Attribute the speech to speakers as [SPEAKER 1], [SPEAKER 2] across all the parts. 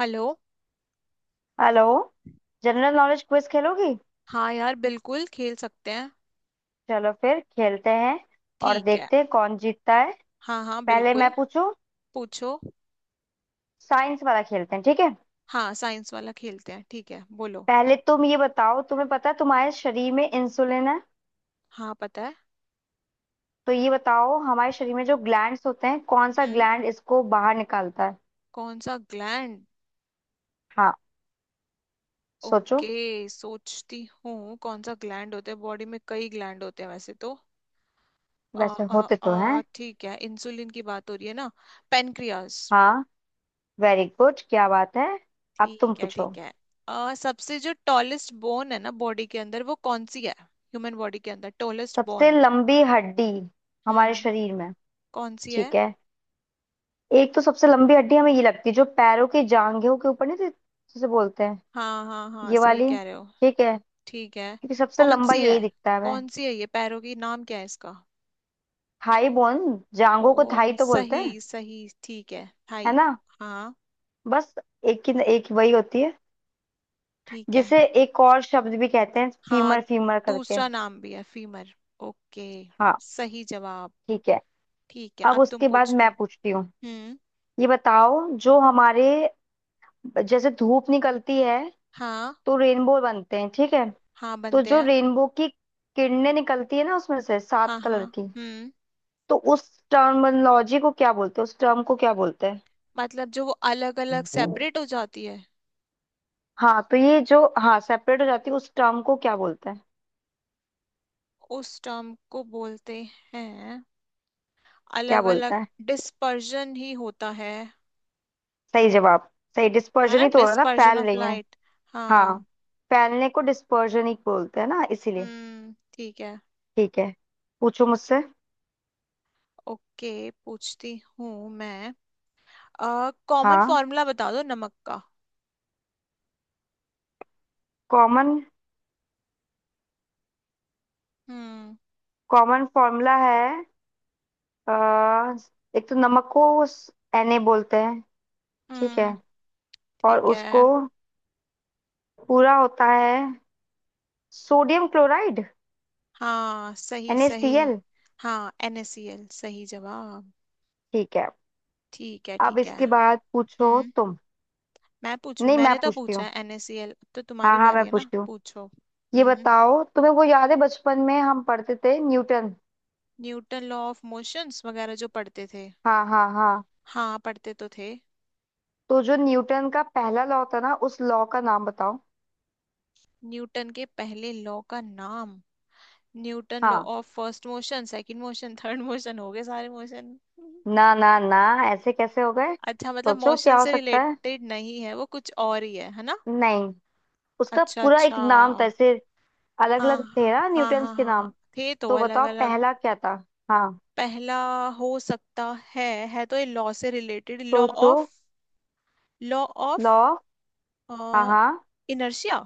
[SPEAKER 1] Hello.
[SPEAKER 2] Hello. General knowledge quiz खेलोगी।
[SPEAKER 1] हाँ यार बिल्कुल खेल सकते हैं।
[SPEAKER 2] चलो फिर खेलते हैं और
[SPEAKER 1] ठीक है।
[SPEAKER 2] देखते हैं कौन जीतता है।
[SPEAKER 1] हाँ हाँ
[SPEAKER 2] पहले मैं
[SPEAKER 1] बिल्कुल।
[SPEAKER 2] पूछूं।
[SPEAKER 1] पूछो।
[SPEAKER 2] साइंस वाला खेलते हैं, ठीक है।
[SPEAKER 1] हाँ साइंस वाला खेलते हैं। ठीक है बोलो।
[SPEAKER 2] पहले तुम ये बताओ, तुम्हें पता है तुम्हारे शरीर में इंसुलिन है।
[SPEAKER 1] हाँ पता है।
[SPEAKER 2] तो ये बताओ, हमारे शरीर में जो ग्लैंड्स होते हैं कौन सा
[SPEAKER 1] हम्म।
[SPEAKER 2] ग्लैंड इसको बाहर निकालता है।
[SPEAKER 1] कौन सा ग्लैंड?
[SPEAKER 2] हाँ। सोचो।
[SPEAKER 1] ओके सोचती हूँ कौन सा ग्लैंड होता है, बॉडी में कई ग्लैंड होते हैं वैसे तो। अ
[SPEAKER 2] वैसे
[SPEAKER 1] अ
[SPEAKER 2] होते तो हैं।
[SPEAKER 1] ठीक है, इंसुलिन की बात हो रही है ना। पेनक्रियास।
[SPEAKER 2] हाँ। वेरी गुड, क्या बात है। अब तुम
[SPEAKER 1] ठीक है
[SPEAKER 2] पूछो।
[SPEAKER 1] ठीक है। सबसे जो टॉलेस्ट बोन है ना बॉडी के अंदर, वो कौन सी है? ह्यूमन बॉडी के अंदर टॉलेस्ट
[SPEAKER 2] सबसे
[SPEAKER 1] बोन।
[SPEAKER 2] लंबी हड्डी हमारे
[SPEAKER 1] हम्म।
[SPEAKER 2] शरीर में।
[SPEAKER 1] कौन सी है?
[SPEAKER 2] ठीक है। एक तो सबसे लंबी हड्डी हमें ये लगती है जो पैरों के जांघों के ऊपर नहीं जिसे बोलते हैं।
[SPEAKER 1] हाँ हाँ हाँ
[SPEAKER 2] ये
[SPEAKER 1] सही
[SPEAKER 2] वाली।
[SPEAKER 1] कह रहे हो।
[SPEAKER 2] ठीक है।
[SPEAKER 1] ठीक है।
[SPEAKER 2] क्योंकि सबसे
[SPEAKER 1] कौन
[SPEAKER 2] लंबा
[SPEAKER 1] सी है?
[SPEAKER 2] यही दिखता है हमें।
[SPEAKER 1] कौन सी है ये पैरों की, नाम क्या है इसका?
[SPEAKER 2] Thigh bone. जांघों को थाई
[SPEAKER 1] ओ
[SPEAKER 2] तो बोलते
[SPEAKER 1] सही
[SPEAKER 2] हैं,
[SPEAKER 1] सही ठीक है।
[SPEAKER 2] है
[SPEAKER 1] थाई।
[SPEAKER 2] ना।
[SPEAKER 1] हाँ।
[SPEAKER 2] बस एक ही, एक वही होती है
[SPEAKER 1] ठीक है।
[SPEAKER 2] जिसे एक और शब्द भी कहते हैं,
[SPEAKER 1] हाँ
[SPEAKER 2] फीमर फीमर करके।
[SPEAKER 1] दूसरा नाम भी है फीमर। ओके।
[SPEAKER 2] हाँ।
[SPEAKER 1] सही जवाब।
[SPEAKER 2] ठीक है।
[SPEAKER 1] ठीक है
[SPEAKER 2] अब
[SPEAKER 1] अब तुम
[SPEAKER 2] उसके बाद
[SPEAKER 1] पूछो।
[SPEAKER 2] मैं पूछती हूँ।
[SPEAKER 1] हम्म।
[SPEAKER 2] ये बताओ, जो हमारे, जैसे धूप निकलती है
[SPEAKER 1] हाँ
[SPEAKER 2] तो रेनबो बनते हैं, ठीक है।
[SPEAKER 1] हाँ
[SPEAKER 2] तो
[SPEAKER 1] बनते
[SPEAKER 2] जो
[SPEAKER 1] हैं।
[SPEAKER 2] रेनबो की किरणें निकलती है ना उसमें से
[SPEAKER 1] हाँ
[SPEAKER 2] सात कलर
[SPEAKER 1] हाँ।
[SPEAKER 2] की।
[SPEAKER 1] हम्म।
[SPEAKER 2] तो उस टर्मिनोलॉजी को क्या बोलते हैं, उस टर्म को क्या बोलते हैं।
[SPEAKER 1] मतलब जो वो अलग अलग सेपरेट हो जाती है।
[SPEAKER 2] हाँ तो ये जो, हाँ, सेपरेट हो जाती है उस टर्म को क्या बोलते हैं।
[SPEAKER 1] उस टर्म को बोलते हैं
[SPEAKER 2] क्या
[SPEAKER 1] अलग
[SPEAKER 2] बोलते
[SPEAKER 1] अलग।
[SPEAKER 2] हैं।
[SPEAKER 1] डिस्पर्जन ही होता है।
[SPEAKER 2] सही जवाब। सही,
[SPEAKER 1] है
[SPEAKER 2] डिस्पर्जन
[SPEAKER 1] ना,
[SPEAKER 2] ही तो हो रहा है ना,
[SPEAKER 1] डिस्पर्जन
[SPEAKER 2] फैल
[SPEAKER 1] ऑफ
[SPEAKER 2] रही है।
[SPEAKER 1] लाइट।
[SPEAKER 2] हाँ।
[SPEAKER 1] हाँ।
[SPEAKER 2] फैलने को डिस्पर्जन ही बोलते हैं ना इसीलिए।
[SPEAKER 1] ठीक है।
[SPEAKER 2] ठीक है। पूछो मुझसे।
[SPEAKER 1] ओके पूछती हूँ मैं। कॉमन
[SPEAKER 2] हाँ।
[SPEAKER 1] फॉर्मूला बता दो नमक का।
[SPEAKER 2] कॉमन।
[SPEAKER 1] हम्म।
[SPEAKER 2] कॉमन फॉर्मूला है। अ, एक तो नमक को Na बोलते हैं। ठीक है।
[SPEAKER 1] हम्म।
[SPEAKER 2] और
[SPEAKER 1] ठीक
[SPEAKER 2] उसको
[SPEAKER 1] है।
[SPEAKER 2] पूरा होता है सोडियम क्लोराइड।
[SPEAKER 1] हाँ सही सही।
[SPEAKER 2] NaCl।
[SPEAKER 1] हाँ NaCl, सही जवाब।
[SPEAKER 2] ठीक है।
[SPEAKER 1] ठीक है
[SPEAKER 2] अब
[SPEAKER 1] ठीक है।
[SPEAKER 2] इसके बाद पूछो
[SPEAKER 1] हम्म।
[SPEAKER 2] तुम।
[SPEAKER 1] मैं पूछूं?
[SPEAKER 2] नहीं, मैं
[SPEAKER 1] मैंने तो
[SPEAKER 2] पूछती
[SPEAKER 1] पूछा
[SPEAKER 2] हूँ।
[SPEAKER 1] है NaCl, अब तो
[SPEAKER 2] हाँ
[SPEAKER 1] तुम्हारी
[SPEAKER 2] हाँ,
[SPEAKER 1] बारी
[SPEAKER 2] मैं
[SPEAKER 1] है ना,
[SPEAKER 2] पूछती हूँ।
[SPEAKER 1] पूछो।
[SPEAKER 2] ये
[SPEAKER 1] हम्म।
[SPEAKER 2] बताओ, तुम्हें वो याद है बचपन में हम पढ़ते थे Newton.
[SPEAKER 1] Newton law of motions वगैरह जो पढ़ते थे।
[SPEAKER 2] हाँ हाँ हाँ।
[SPEAKER 1] हाँ पढ़ते तो थे।
[SPEAKER 2] तो जो न्यूटन का पहला लॉ था ना, उस लॉ का नाम बताओ।
[SPEAKER 1] न्यूटन के पहले लॉ का नाम। न्यूटन लॉ
[SPEAKER 2] हाँ।
[SPEAKER 1] Of first motion, second motion, third motion, हो गए सारे मोशन।
[SPEAKER 2] ना ना ना, ऐसे कैसे हो गए,
[SPEAKER 1] अच्छा मतलब
[SPEAKER 2] सोचो
[SPEAKER 1] मोशन
[SPEAKER 2] क्या हो
[SPEAKER 1] से
[SPEAKER 2] सकता है।
[SPEAKER 1] रिलेटेड नहीं है वो, कुछ और ही है ना?
[SPEAKER 2] नहीं, उसका
[SPEAKER 1] अच्छा
[SPEAKER 2] पूरा एक
[SPEAKER 1] अच्छा।
[SPEAKER 2] नाम था ऐसे। अलग
[SPEAKER 1] हाँ
[SPEAKER 2] अलग थे
[SPEAKER 1] हाँ
[SPEAKER 2] ना
[SPEAKER 1] हाँ
[SPEAKER 2] न्यूटन
[SPEAKER 1] हाँ
[SPEAKER 2] के
[SPEAKER 1] हाँ।
[SPEAKER 2] नाम।
[SPEAKER 1] थे तो
[SPEAKER 2] तो
[SPEAKER 1] अलग
[SPEAKER 2] बताओ
[SPEAKER 1] अलग।
[SPEAKER 2] पहला क्या था। हाँ।
[SPEAKER 1] पहला। हो सकता है। है तो ये लॉ से रिलेटेड, लॉ
[SPEAKER 2] सोचो।
[SPEAKER 1] ऑफ। Law of
[SPEAKER 2] law. हाँ हाँ।
[SPEAKER 1] इनर्शिया।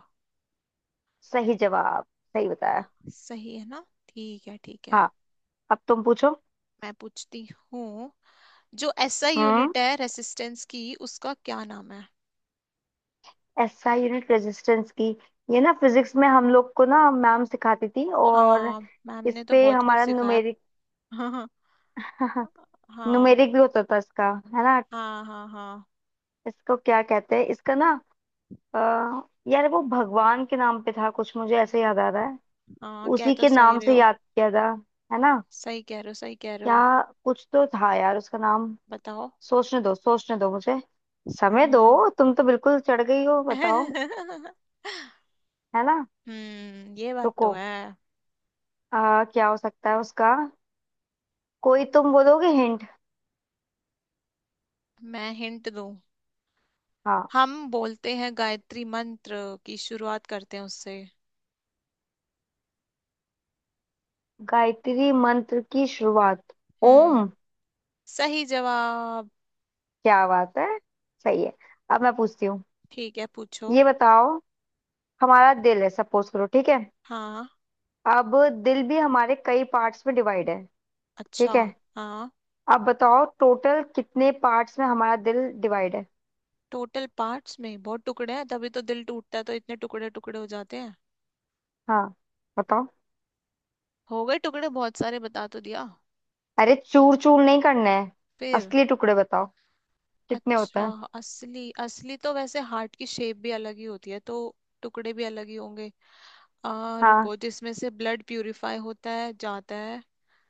[SPEAKER 2] सही जवाब, सही बताया।
[SPEAKER 1] सही है ना। ठीक है ठीक है।
[SPEAKER 2] हाँ। अब तुम पूछो।
[SPEAKER 1] मैं पूछती हूँ। जो एसआई
[SPEAKER 2] हम्म।
[SPEAKER 1] यूनिट है रेसिस्टेंस की उसका क्या नाम है?
[SPEAKER 2] एसआई यूनिट रेजिस्टेंस की। ये ना फिजिक्स में हम लोग को ना मैम सिखाती थी, और
[SPEAKER 1] हाँ मैम
[SPEAKER 2] इस
[SPEAKER 1] ने तो
[SPEAKER 2] पे
[SPEAKER 1] बहुत कुछ
[SPEAKER 2] हमारा
[SPEAKER 1] सिखाया।
[SPEAKER 2] न्यूमेरिक,
[SPEAKER 1] हाँ। हाँ हाँ
[SPEAKER 2] न्यूमेरिक भी होता था इसका, है ना।
[SPEAKER 1] हाँ हाँ हाँ।
[SPEAKER 2] इसको क्या कहते हैं इसका ना। अ, यार वो भगवान के नाम पे था कुछ, मुझे ऐसे याद आ रहा है।
[SPEAKER 1] हाँ कह
[SPEAKER 2] उसी
[SPEAKER 1] तो
[SPEAKER 2] के
[SPEAKER 1] सही
[SPEAKER 2] नाम
[SPEAKER 1] रहे
[SPEAKER 2] से
[SPEAKER 1] हो।
[SPEAKER 2] याद किया था, है ना।
[SPEAKER 1] सही कह रहे हो सही कह रहे
[SPEAKER 2] क्या,
[SPEAKER 1] हो।
[SPEAKER 2] कुछ तो था यार उसका नाम।
[SPEAKER 1] बताओ।
[SPEAKER 2] सोचने दो, सोचने दो मुझे। समय दो,
[SPEAKER 1] हम्म।
[SPEAKER 2] तुम तो बिल्कुल चढ़ गई हो, बताओ। है ना।
[SPEAKER 1] ये बात तो
[SPEAKER 2] रुको।
[SPEAKER 1] है।
[SPEAKER 2] क्या हो सकता है उसका। कोई तुम बोलोगे हिंट।
[SPEAKER 1] मैं हिंट दूं?
[SPEAKER 2] हाँ।
[SPEAKER 1] हम बोलते हैं गायत्री मंत्र की शुरुआत करते हैं उससे।
[SPEAKER 2] गायत्री मंत्र की शुरुआत।
[SPEAKER 1] हम्म।
[SPEAKER 2] ओम।
[SPEAKER 1] सही जवाब।
[SPEAKER 2] क्या बात है, सही है। अब मैं पूछती हूँ।
[SPEAKER 1] ठीक है पूछो।
[SPEAKER 2] ये बताओ, हमारा दिल है, सपोज करो, ठीक है।
[SPEAKER 1] हाँ।
[SPEAKER 2] अब दिल भी हमारे कई पार्ट्स में डिवाइड है,
[SPEAKER 1] अच्छा।
[SPEAKER 2] ठीक है।
[SPEAKER 1] हाँ।
[SPEAKER 2] अब बताओ टोटल कितने पार्ट्स में हमारा दिल डिवाइड है।
[SPEAKER 1] टोटल पार्ट्स में बहुत टुकड़े हैं, तभी तो दिल टूटता है तो इतने टुकड़े टुकड़े हो जाते हैं।
[SPEAKER 2] हाँ बताओ।
[SPEAKER 1] हो गए टुकड़े बहुत सारे, बता तो दिया।
[SPEAKER 2] अरे चूर चूर नहीं करना है,
[SPEAKER 1] फिर।
[SPEAKER 2] असली टुकड़े बताओ कितने होते
[SPEAKER 1] अच्छा।
[SPEAKER 2] हैं।
[SPEAKER 1] असली असली तो वैसे हार्ट की शेप भी अलग ही होती है, तो टुकड़े भी अलग ही होंगे। आ
[SPEAKER 2] हाँ।
[SPEAKER 1] रुको, जिसमें से ब्लड प्यूरिफाई होता है जाता है।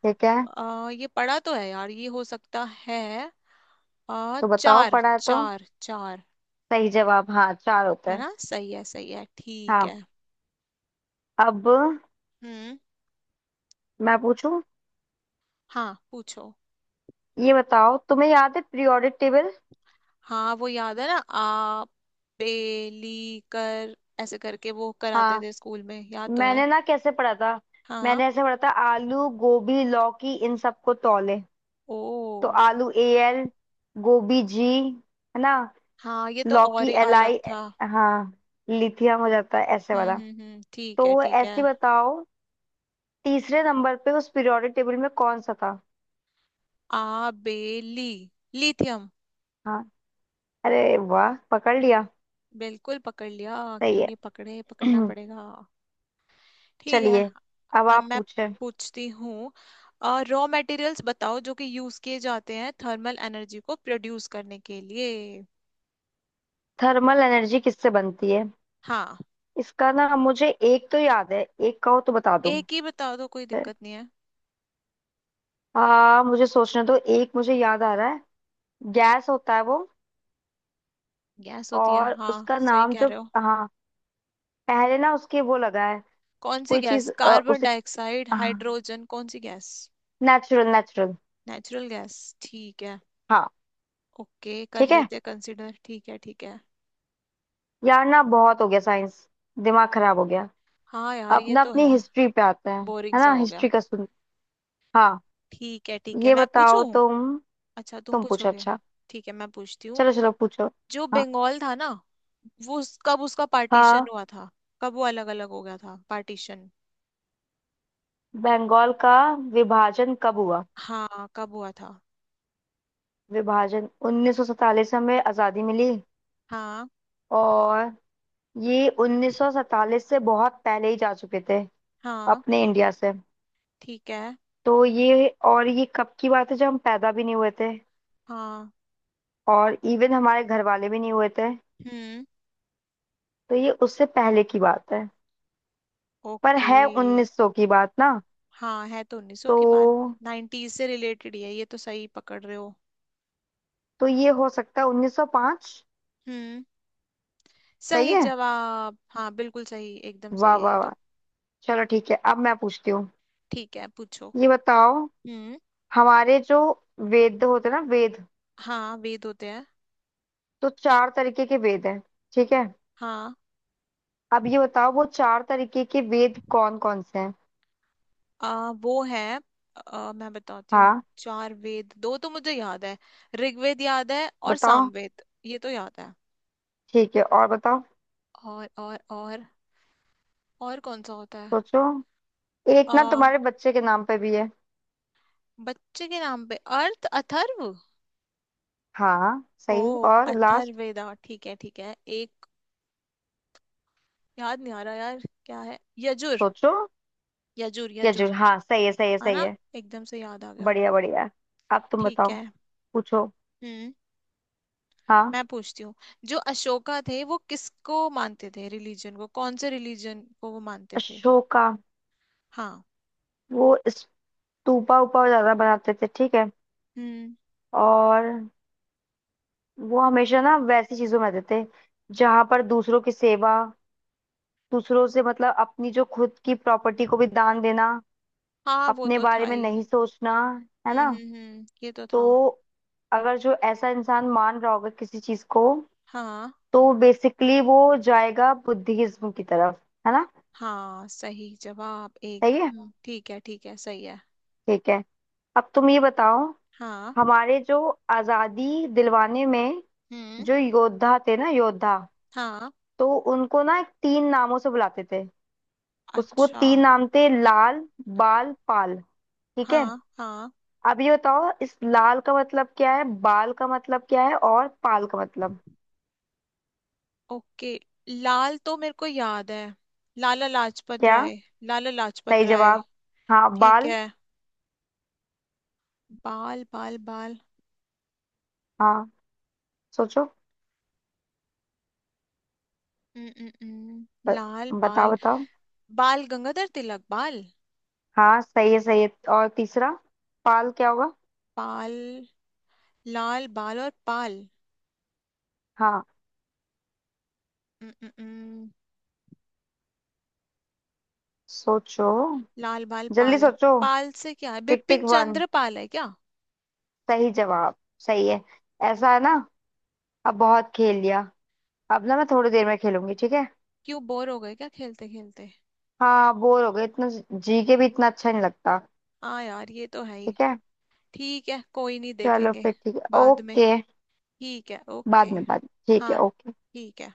[SPEAKER 2] ठीक है,
[SPEAKER 1] आ ये पड़ा तो है यार, ये हो सकता है। आ
[SPEAKER 2] तो बताओ,
[SPEAKER 1] चार।
[SPEAKER 2] पढ़ा है तो।
[SPEAKER 1] चार चार।
[SPEAKER 2] सही जवाब, हाँ चार होता
[SPEAKER 1] है
[SPEAKER 2] है।
[SPEAKER 1] ना, सही है ठीक
[SPEAKER 2] हाँ।
[SPEAKER 1] है।
[SPEAKER 2] अब
[SPEAKER 1] हम्म।
[SPEAKER 2] मैं पूछूं।
[SPEAKER 1] हाँ पूछो।
[SPEAKER 2] ये बताओ, तुम्हें याद है पीरियोडिक टेबल।
[SPEAKER 1] हाँ वो याद है ना। आ बेली कर ऐसे करके वो कराते
[SPEAKER 2] हाँ।
[SPEAKER 1] थे स्कूल में, याद तो है।
[SPEAKER 2] मैंने ना कैसे पढ़ा था,
[SPEAKER 1] हाँ।
[SPEAKER 2] मैंने ऐसे पढ़ा था, आलू गोभी लौकी इन सबको तौले। तो
[SPEAKER 1] ओ।
[SPEAKER 2] आलू ए एल, गोभी जी, है ना,
[SPEAKER 1] हाँ ये तो और
[SPEAKER 2] लौकी
[SPEAKER 1] ही
[SPEAKER 2] एल
[SPEAKER 1] अलग
[SPEAKER 2] आई।
[SPEAKER 1] था।
[SPEAKER 2] हाँ, लिथियम हो जाता है ऐसे वाला।
[SPEAKER 1] ठीक है
[SPEAKER 2] तो
[SPEAKER 1] ठीक है।
[SPEAKER 2] ऐसे बताओ, तीसरे नंबर पे उस पीरियोडिक टेबल में कौन सा था।
[SPEAKER 1] आबेली। लिथियम।
[SPEAKER 2] हाँ। अरे वाह, पकड़ लिया।
[SPEAKER 1] बिल्कुल पकड़ लिया।
[SPEAKER 2] सही
[SPEAKER 1] क्यों
[SPEAKER 2] है।
[SPEAKER 1] नहीं पकड़े, पकड़ना पड़ेगा। ठीक है।
[SPEAKER 2] चलिए, अब
[SPEAKER 1] अब
[SPEAKER 2] आप
[SPEAKER 1] मैं
[SPEAKER 2] पूछे।
[SPEAKER 1] पूछती हूँ। रॉ मटेरियल्स बताओ जो कि यूज किए जाते हैं थर्मल एनर्जी को प्रोड्यूस करने के लिए।
[SPEAKER 2] थर्मल एनर्जी किससे बनती है।
[SPEAKER 1] हाँ।
[SPEAKER 2] इसका ना मुझे एक तो याद है, एक कहो तो बता दूं।
[SPEAKER 1] एक ही बताओ तो कोई दिक्कत नहीं है।
[SPEAKER 2] हाँ मुझे सोचने दो। एक मुझे याद आ रहा है। गैस होता है वो।
[SPEAKER 1] गैस होती है,
[SPEAKER 2] और
[SPEAKER 1] हाँ
[SPEAKER 2] उसका
[SPEAKER 1] सही
[SPEAKER 2] नाम
[SPEAKER 1] कह
[SPEAKER 2] जो,
[SPEAKER 1] रहे हो।
[SPEAKER 2] हाँ, पहले ना उसके वो लगा है।
[SPEAKER 1] कौन सी
[SPEAKER 2] कोई
[SPEAKER 1] गैस,
[SPEAKER 2] चीज।
[SPEAKER 1] कार्बन
[SPEAKER 2] उसे
[SPEAKER 1] डाइऑक्साइड, हाइड्रोजन, कौन सी gas?
[SPEAKER 2] Natural, natural.
[SPEAKER 1] Natural gas. ठीक है।
[SPEAKER 2] हाँ।
[SPEAKER 1] ओके कर
[SPEAKER 2] ठीक है।
[SPEAKER 1] लेते हैं कंसिडर, ठीक है ठीक है।
[SPEAKER 2] यार ना बहुत हो गया साइंस, दिमाग खराब हो गया।
[SPEAKER 1] हाँ यार
[SPEAKER 2] अब
[SPEAKER 1] ये
[SPEAKER 2] ना
[SPEAKER 1] तो
[SPEAKER 2] अपनी
[SPEAKER 1] है।
[SPEAKER 2] हिस्ट्री पे आते हैं।
[SPEAKER 1] बोरिंग
[SPEAKER 2] है
[SPEAKER 1] सा
[SPEAKER 2] ना,
[SPEAKER 1] हो गया।
[SPEAKER 2] हिस्ट्री का सुन। हाँ।
[SPEAKER 1] ठीक है
[SPEAKER 2] ये
[SPEAKER 1] मैं पूछूं।
[SPEAKER 2] बताओ तुम।
[SPEAKER 1] अच्छा तुम
[SPEAKER 2] तुम पूछो
[SPEAKER 1] पूछोगे।
[SPEAKER 2] अच्छा।
[SPEAKER 1] ठीक है मैं पूछती हूँ।
[SPEAKER 2] चलो चलो पूछो।
[SPEAKER 1] जो
[SPEAKER 2] हाँ
[SPEAKER 1] बंगाल था ना, कब उसका पार्टीशन
[SPEAKER 2] हाँ।
[SPEAKER 1] हुआ था? कब वो अलग अलग हो गया था पार्टीशन?
[SPEAKER 2] बंगाल का विभाजन कब हुआ।
[SPEAKER 1] हाँ कब हुआ था?
[SPEAKER 2] विभाजन 1947 में हमें आजादी मिली।
[SPEAKER 1] हाँ।
[SPEAKER 2] और ये 1947 से बहुत पहले ही जा चुके थे
[SPEAKER 1] हाँ।
[SPEAKER 2] अपने इंडिया से।
[SPEAKER 1] ठीक है।
[SPEAKER 2] तो ये, और ये कब की बात है, जब हम पैदा भी नहीं हुए थे
[SPEAKER 1] हाँ।
[SPEAKER 2] और इवन हमारे घर वाले भी नहीं हुए थे।
[SPEAKER 1] हम्म।
[SPEAKER 2] तो ये उससे पहले की बात है। पर
[SPEAKER 1] ओके।
[SPEAKER 2] है 1900 की बात ना।
[SPEAKER 1] हाँ है तो 1900
[SPEAKER 2] तो
[SPEAKER 1] की बात, 90s से रिलेटेड ही है, ये तो सही पकड़ रहे हो।
[SPEAKER 2] तो ये हो सकता है 1905।
[SPEAKER 1] हम्म।
[SPEAKER 2] सही
[SPEAKER 1] सही
[SPEAKER 2] है।
[SPEAKER 1] जवाब, हाँ बिल्कुल सही, एकदम
[SPEAKER 2] वाह
[SPEAKER 1] सही है ये
[SPEAKER 2] वाह
[SPEAKER 1] तो।
[SPEAKER 2] वाह। चलो ठीक है, अब मैं पूछती हूँ।
[SPEAKER 1] ठीक है पूछो।
[SPEAKER 2] ये बताओ,
[SPEAKER 1] हम्म।
[SPEAKER 2] हमारे जो वेद होते हैं ना वेद,
[SPEAKER 1] हाँ वेद होते हैं।
[SPEAKER 2] तो चार तरीके के वेद हैं, ठीक है।
[SPEAKER 1] हाँ।
[SPEAKER 2] अब ये बताओ वो चार तरीके के वेद कौन कौन से हैं।
[SPEAKER 1] वो है। मैं बताती हूँ।
[SPEAKER 2] हाँ
[SPEAKER 1] चार वेद, दो तो मुझे याद है। ऋग्वेद याद है और
[SPEAKER 2] बताओ।
[SPEAKER 1] सामवेद, ये तो याद है।
[SPEAKER 2] ठीक है, और बताओ।
[SPEAKER 1] और और कौन सा होता है?
[SPEAKER 2] सोचो। एक
[SPEAKER 1] आ,
[SPEAKER 2] ना तुम्हारे बच्चे के नाम पे भी है।
[SPEAKER 1] बच्चे के नाम पे, अर्थ अथर्व।
[SPEAKER 2] हाँ
[SPEAKER 1] ओ
[SPEAKER 2] सही, और लास्ट।
[SPEAKER 1] अथर्वेदा। ठीक है ठीक है। एक याद नहीं आ रहा यार। क्या है, यजुर?
[SPEAKER 2] सोचो।
[SPEAKER 1] यजुर यजुर।
[SPEAKER 2] यजुर। हाँ सही है, सही है,
[SPEAKER 1] है
[SPEAKER 2] सही
[SPEAKER 1] ना।
[SPEAKER 2] है।
[SPEAKER 1] एकदम से याद आ गया।
[SPEAKER 2] बढ़िया बढ़िया। अब तुम
[SPEAKER 1] ठीक
[SPEAKER 2] बताओ।
[SPEAKER 1] है।
[SPEAKER 2] पूछो।
[SPEAKER 1] हम्म।
[SPEAKER 2] हाँ।
[SPEAKER 1] मैं पूछती हूँ। जो अशोका थे, वो किसको मानते थे, रिलीजन को, कौन से रिलीजन को वो मानते थे?
[SPEAKER 2] अशोका
[SPEAKER 1] हाँ।
[SPEAKER 2] वो स्तूपा उपा ज्यादा बनाते थे, ठीक है।
[SPEAKER 1] हम्म।
[SPEAKER 2] और वो हमेशा ना वैसी चीजों में रहते थे जहां पर दूसरों की सेवा, दूसरों से मतलब अपनी जो खुद की प्रॉपर्टी को भी दान देना,
[SPEAKER 1] हाँ वो
[SPEAKER 2] अपने
[SPEAKER 1] तो था
[SPEAKER 2] बारे में
[SPEAKER 1] ही।
[SPEAKER 2] नहीं सोचना, है ना।
[SPEAKER 1] ये तो
[SPEAKER 2] तो
[SPEAKER 1] था।
[SPEAKER 2] अगर जो ऐसा इंसान मान रहा होगा किसी चीज को,
[SPEAKER 1] हाँ।
[SPEAKER 2] तो बेसिकली वो जाएगा बुद्धिज्म की तरफ, है ना।
[SPEAKER 1] हाँ सही जवाब,
[SPEAKER 2] सही है।
[SPEAKER 1] एकदम ठीक है सही है।
[SPEAKER 2] ठीक है। अब तुम ये बताओ,
[SPEAKER 1] हाँ।
[SPEAKER 2] हमारे जो आजादी दिलवाने में
[SPEAKER 1] हम्म।
[SPEAKER 2] जो योद्धा थे ना योद्धा,
[SPEAKER 1] हाँ।
[SPEAKER 2] तो उनको ना तीन नामों से बुलाते थे। उसको
[SPEAKER 1] अच्छा।
[SPEAKER 2] तीन नाम थे लाल बाल पाल, ठीक है।
[SPEAKER 1] हाँ हाँ।
[SPEAKER 2] अब ये बताओ इस लाल का मतलब क्या है, बाल का मतलब क्या है, और पाल का मतलब
[SPEAKER 1] ओके। लाल तो मेरे को याद है। लाला लाजपत
[SPEAKER 2] क्या।
[SPEAKER 1] राय। लाला लाजपत
[SPEAKER 2] सही
[SPEAKER 1] राय।
[SPEAKER 2] जवाब। हाँ
[SPEAKER 1] ठीक
[SPEAKER 2] बाल।
[SPEAKER 1] है। बाल बाल बाल।
[SPEAKER 2] हाँ सोचो।
[SPEAKER 1] हम्म, हम्म, हम्म,
[SPEAKER 2] ब-
[SPEAKER 1] लाल
[SPEAKER 2] बताओ
[SPEAKER 1] बाल।
[SPEAKER 2] बताओ।
[SPEAKER 1] बाल गंगाधर तिलक बाल।
[SPEAKER 2] हाँ सही है, सही है। और तीसरा पाल क्या होगा।
[SPEAKER 1] पाल। लाल बाल और पाल।
[SPEAKER 2] हाँ।
[SPEAKER 1] उम, उम, उम,
[SPEAKER 2] सोचो,
[SPEAKER 1] लाल बाल
[SPEAKER 2] जल्दी
[SPEAKER 1] पाल।
[SPEAKER 2] सोचो।
[SPEAKER 1] पाल से क्या है,
[SPEAKER 2] टिक
[SPEAKER 1] बिपिन
[SPEAKER 2] टिक वन।
[SPEAKER 1] चंद्र पाल है क्या?
[SPEAKER 2] सही जवाब, सही है। ऐसा है ना। अब बहुत खेल लिया, अब ना मैं थोड़ी देर में खेलूंगी, ठीक है।
[SPEAKER 1] क्यों बोर हो गए क्या खेलते खेलते?
[SPEAKER 2] हाँ बोर हो गए इतना, जी के भी इतना अच्छा नहीं लगता।
[SPEAKER 1] हाँ यार ये तो है ही।
[SPEAKER 2] ठीक है।
[SPEAKER 1] ठीक है कोई नहीं,
[SPEAKER 2] चलो
[SPEAKER 1] देखेंगे
[SPEAKER 2] फिर, ठीक है,
[SPEAKER 1] बाद में।
[SPEAKER 2] ओके।
[SPEAKER 1] ठीक है
[SPEAKER 2] बाद
[SPEAKER 1] ओके।
[SPEAKER 2] में, बाद में। ठीक है,
[SPEAKER 1] हाँ
[SPEAKER 2] ओके।
[SPEAKER 1] ठीक है।